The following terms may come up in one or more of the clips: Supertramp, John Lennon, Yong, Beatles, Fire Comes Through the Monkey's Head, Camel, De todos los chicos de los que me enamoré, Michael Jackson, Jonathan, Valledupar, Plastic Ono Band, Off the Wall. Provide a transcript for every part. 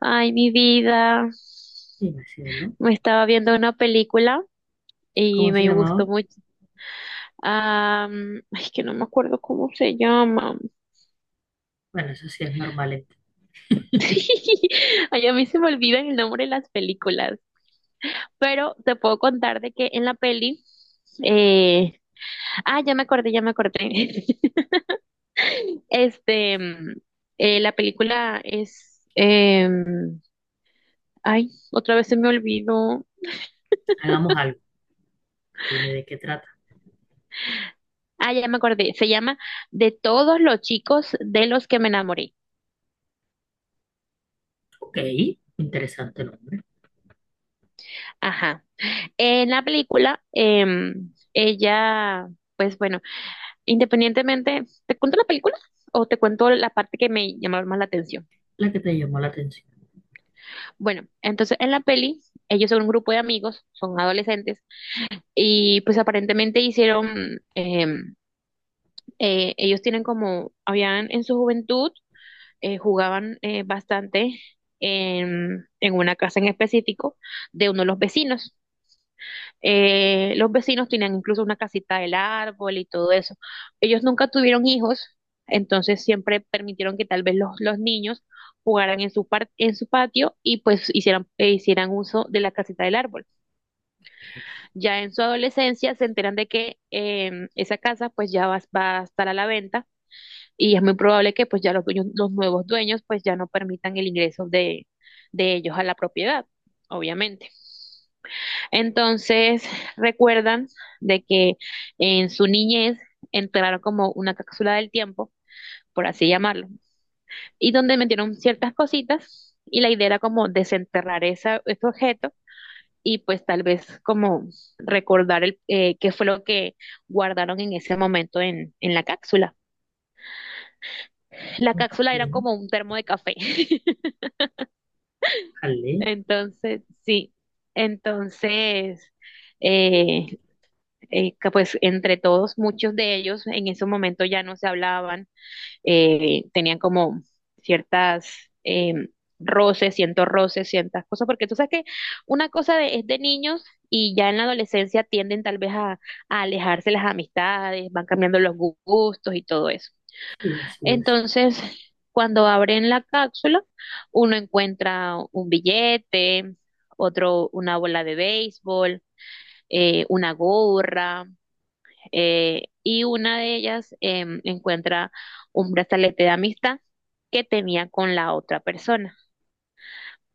Ay, mi vida. Sí, así es, ¿no? Me estaba viendo una película y ¿Cómo se me gustó llamaba? mucho. Ay, que no me acuerdo cómo se llama. Bueno, eso sí es normal. Ay, a mí se me olvida el nombre de las películas. Pero te puedo contar de que en la peli, eh, ya me acordé, ya me acordé. Este, mm, la película es, ay, otra vez se me olvidó. Hagamos algo. Dime de qué trata. Ah, ya me acordé. Se llama De todos los chicos de los que me enamoré. Ok, interesante nombre. Ajá. En la película, ella, pues bueno, independientemente, ¿te cuento la película o te cuento la parte que me llamó más la atención? La que te llamó la atención. Bueno, entonces en la peli, ellos son un grupo de amigos, son adolescentes, y pues aparentemente ellos tienen como, habían en su juventud, jugaban bastante en una casa en específico de uno de los vecinos. Los vecinos tenían incluso una casita del árbol y todo eso. Ellos nunca tuvieron hijos, entonces siempre permitieron que tal vez los niños jugaran en en su patio y pues hicieran uso de la casita del árbol. Ok, Ya en su adolescencia se enteran de que esa casa pues va a estar a la venta y es muy probable que pues ya los dueños, los nuevos dueños pues ya no permitan el ingreso de ellos a la propiedad, obviamente. Entonces, recuerdan de que en su niñez entraron como una cápsula del tiempo, por así llamarlo, y donde metieron ciertas cositas y la idea era como desenterrar ese objeto y pues tal vez como recordar qué fue lo que guardaron en ese momento en la cápsula. La cápsula era ok. como un termo de café. Jale. Entonces, sí, entonces eh, que pues entre todos, muchos de ellos en ese momento ya no se hablaban, tenían como ciertas eh, roces, ciertos roces, ciertas cosas, porque tú sabes que es de niños y ya en la adolescencia tienden tal vez a alejarse las amistades, van cambiando los gustos y todo eso. Sí, así es. Entonces, cuando abren la cápsula, uno encuentra un billete, otro una bola de béisbol, una gorra y una de ellas encuentra un brazalete de amistad que tenía con la otra persona.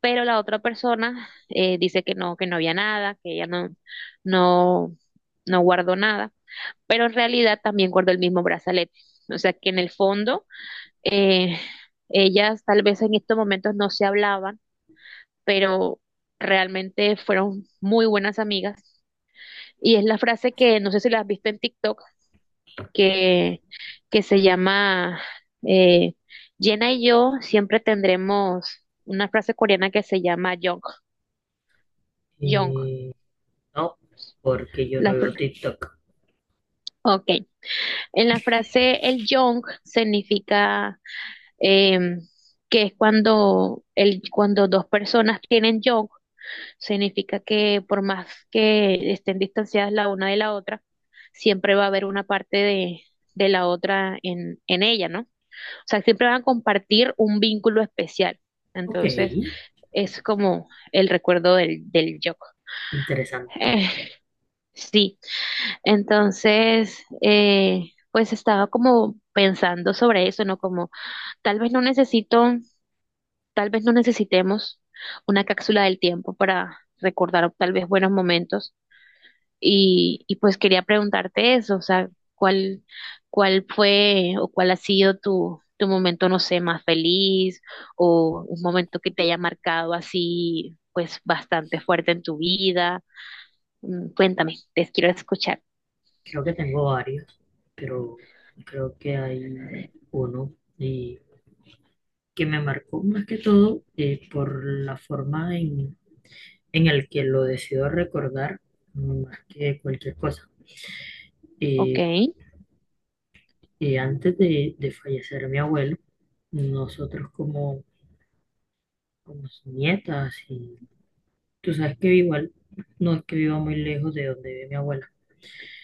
Pero la otra persona dice que no había nada, que ella no, no guardó nada, pero en realidad también guardó el mismo brazalete. O sea que en el fondo, eh, ellas tal vez en estos momentos no se hablaban, pero realmente fueron muy buenas amigas. Y es la frase que no sé si la has visto en TikTok, que, que se llama eh, Jenna y yo siempre tendremos una frase coreana que se llama Yong. Yong. Eh, no, porque yo no La, veo fr- TikTok. ok. En la frase el Yong significa em, que es cuando, cuando dos personas tienen Yong, significa que por más que estén distanciadas la una de la otra, siempre va a haber una parte de la otra en ella, ¿no? O sea, siempre van a compartir un vínculo especial. Ok, Entonces, es como el recuerdo del yo. interesante. Eh, sí, entonces, pues estaba como pensando sobre eso, ¿no? Como tal vez no necesito, tal vez no necesitemos una cápsula del tiempo para recordar tal vez buenos momentos. Y pues quería preguntarte eso, o sea, ¿cuál, cuál fue o cuál ha sido tu momento, no sé, más feliz o un momento que te haya marcado así, pues bastante fuerte en tu vida? Mm, cuéntame, te quiero escuchar. Creo que tengo varios, pero creo que hay uno y que me marcó más que todo, por la forma en el que lo decido recordar más que cualquier cosa. Ok, eh, Antes de fallecer mi abuelo, nosotros como, como sus nietas, y tú sabes que igual no es que viva muy lejos de donde vive mi abuela.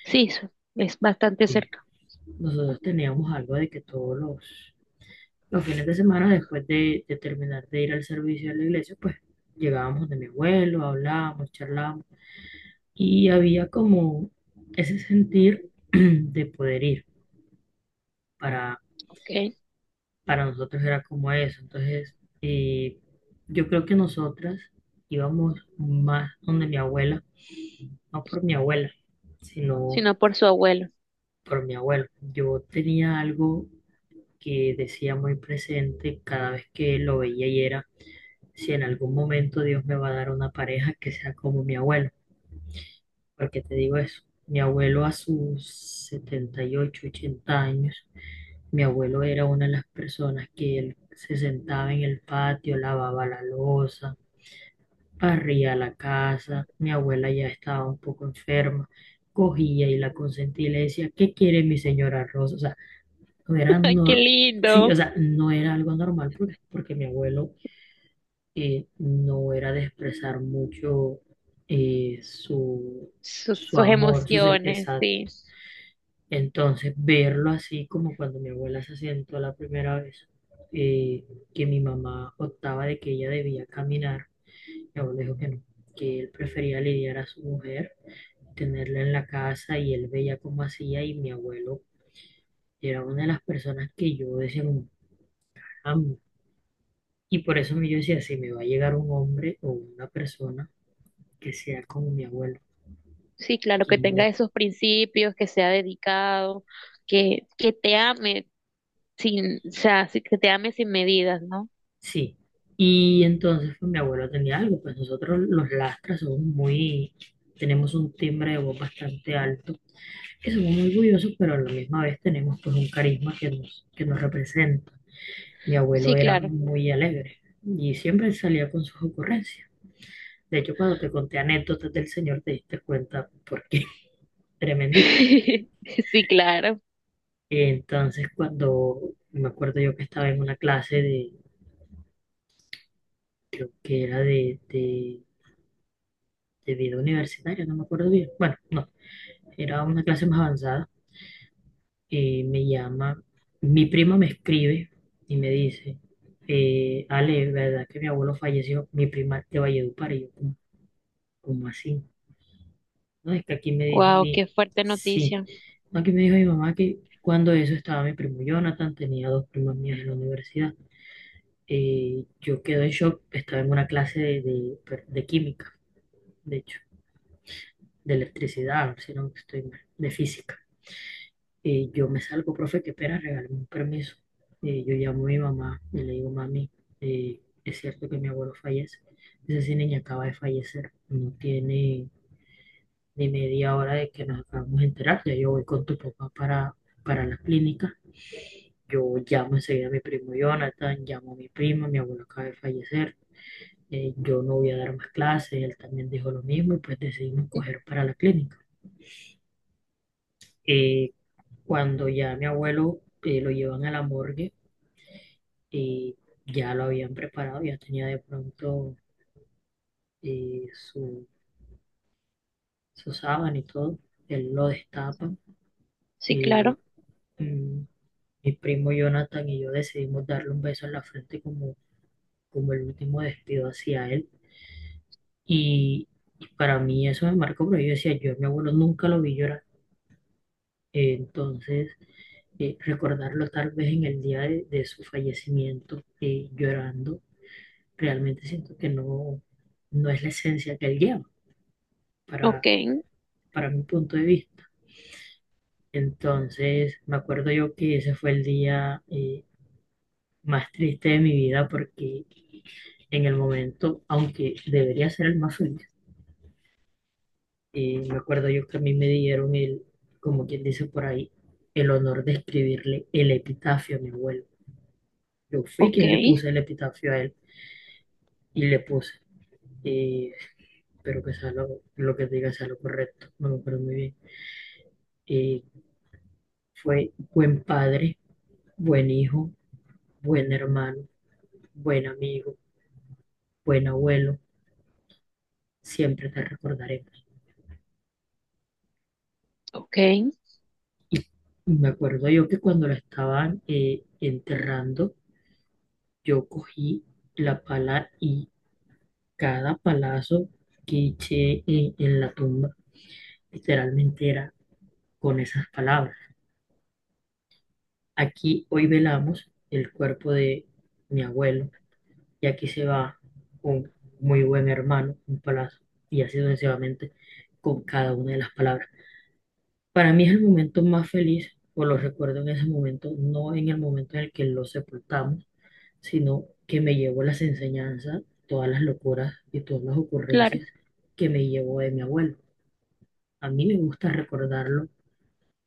sí, su- es bastante eh, cerca. nosotros teníamos algo de que todos los fines de semana después de terminar de ir al servicio de la iglesia, pues llegábamos de mi abuelo, hablábamos, charlábamos, y había como ese sentir de poder ir para Ok, para nosotros era como eso. Entonces, eh, yo creo que nosotras íbamos más donde mi abuela, no por mi abuela, sino sino por su abuelo. por mi abuelo. Yo tenía algo que decía muy presente cada vez que lo veía, y era, si en algún momento Dios me va a dar una pareja que sea como mi abuelo. ¿Por qué te digo eso? Mi abuelo a sus 78, 80 años, mi abuelo era una de las personas que él se sentaba en el patio, lavaba la loza, barría la casa. Mi abuela ya estaba un poco enferma, cogía y la consentía y le decía, ¿qué quiere mi señora Rosa? O sea, no era, Ay, qué nor- sí, o lindo. sea, no era algo normal porque, porque mi abuelo no era de expresar mucho eh, su Sus, su sus amor, emociones, sí. Entonces, verlo así como cuando mi abuela se sentó la primera vez, eh, que mi mamá optaba de que ella debía caminar, mi abuelo dijo que no, que él prefería lidiar a su mujer, tenerla en la casa y él veía cómo hacía, y mi abuelo era una de las personas que yo decía, como, "Caramba". Y por eso yo decía, si me va a llegar un hombre o una persona que sea como mi abuelo, Sí, claro, que tenga que esos principios, que sea dedicado, que te ame sin, o sea, sí, que te ame sin medidas, ¿no? sí, y entonces pues, mi abuelo tenía algo, pues nosotros los lastras somos muy, tenemos un timbre de voz bastante alto, que somos muy orgullosos, pero a la misma vez tenemos pues un carisma que nos representa. Mi Sí, abuelo era claro. muy alegre y siempre salía con sus ocurrencias. De hecho, cuando te conté anécdotas del señor, te diste cuenta porque tremendito. Sí, claro. Entonces, cuando me acuerdo yo que estaba en una clase de, creo que era de vida universitaria, no me acuerdo bien. Bueno, no, era una clase más avanzada. Me llama, mi prima me escribe y me dice, Ale, ¿verdad que mi abuelo falleció? Mi prima de Valledupar. Y yo, cómo así? No, es que aquí me dijo Wow, qué fuerte sí, noticia. no, aquí me dijo mi mamá que cuando eso estaba mi primo Jonathan, tenía dos primas mías en la universidad. Yo quedé en shock, estaba en una clase de, de química, de hecho, de electricidad, si no estoy mal, de física. Yo me salgo, profe, que espera, regálame un permiso. Yo llamo a mi mamá y le digo, mami, es cierto que mi abuelo fallece. Dice, sí, niña, acaba de fallecer. No tiene ni media hora de que nos acabamos de enterar. Ya yo voy con tu papá para la clínica. Yo llamo enseguida a mi primo Jonathan, llamo a mi prima, mi abuelo acaba de fallecer. Yo no voy a dar más clases, él también dijo lo mismo y pues decidimos coger para la clínica. Eh, cuando ya mi abuelo lo llevan a la morgue, y ya lo habían preparado, ya tenía de pronto eh, su, su sábana y todo, él lo destapa. Sí, eh, claro. mm, Mi primo Jonathan y yo decidimos darle un beso en la frente como, como el último despido hacia él. Y, y para mí eso me marcó, pero yo decía, yo a mi abuelo nunca lo vi llorar. Entonces, recordarlo tal vez en el día de su fallecimiento, llorando, realmente siento que no, no es la esencia que él lleva Ok, para, para mi punto de vista. Entonces, me acuerdo yo que ese fue el día, más triste de mi vida porque en el momento, aunque debería ser el más feliz, me acuerdo yo que a mí me dieron el, como quien dice por ahí, el honor de escribirle el epitafio a mi abuelo. Yo fui ok, quien le puse el epitafio a él y le puse. eh, Espero que sea lo que diga sea lo correcto, no me acuerdo muy bien. Eh, fue buen padre, buen hijo, buen hermano, buen amigo, buen abuelo, siempre te recordaremos. ok, Me acuerdo yo que cuando la estaban enterrando, yo cogí la pala, y cada palazo que eché en la tumba literalmente era con esas palabras. Aquí hoy velamos el cuerpo de mi abuelo y aquí se va un muy buen hermano, un palazo, y así sucesivamente con cada una de las palabras. Para mí es el momento más feliz, o lo recuerdo en ese momento, no en el momento en el que lo sepultamos, sino que me llevo las enseñanzas, todas las locuras y todas las claro. ocurrencias que me llevó de mi abuelo. A mí me gusta recordarlo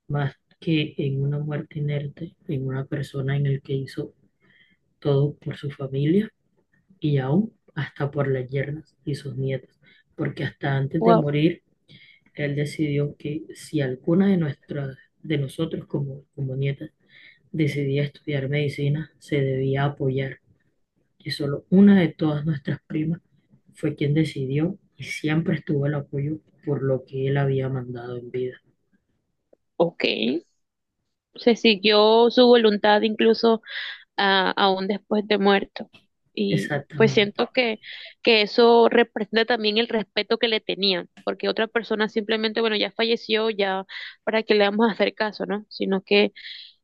más que en una muerte inerte, en una persona en el que hizo todo por su familia y aún hasta por las yernas y sus nietos, porque hasta antes de Wow, morir, él decidió que si alguna de nuestras, de nosotros como, como nietas, decidía estudiar medicina, se debía apoyar, que solo una de todas nuestras primas fue quien decidió y siempre estuvo el apoyo por lo que él había mandado en vida. ok. Se siguió su voluntad incluso aún después de muerto. Y pues Exactamente. siento que, que eso representa también el respeto que le tenían, porque otra persona simplemente, bueno, ya falleció, ya para qué le vamos a hacer caso, ¿no? Sino que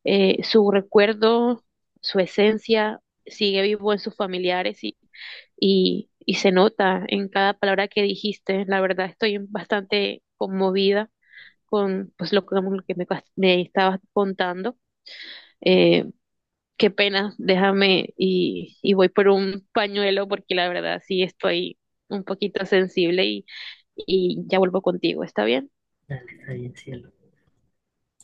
su recuerdo, su esencia sigue vivo en sus familiares y se nota en cada palabra que dijiste. La verdad, estoy bastante conmovida con que lo que me estabas contando. Eh, qué pena, déjame y voy por un pañuelo porque la verdad sí estoy un poquito sensible y ya vuelvo contigo, ¿está bien? Dale, está bien, cielo.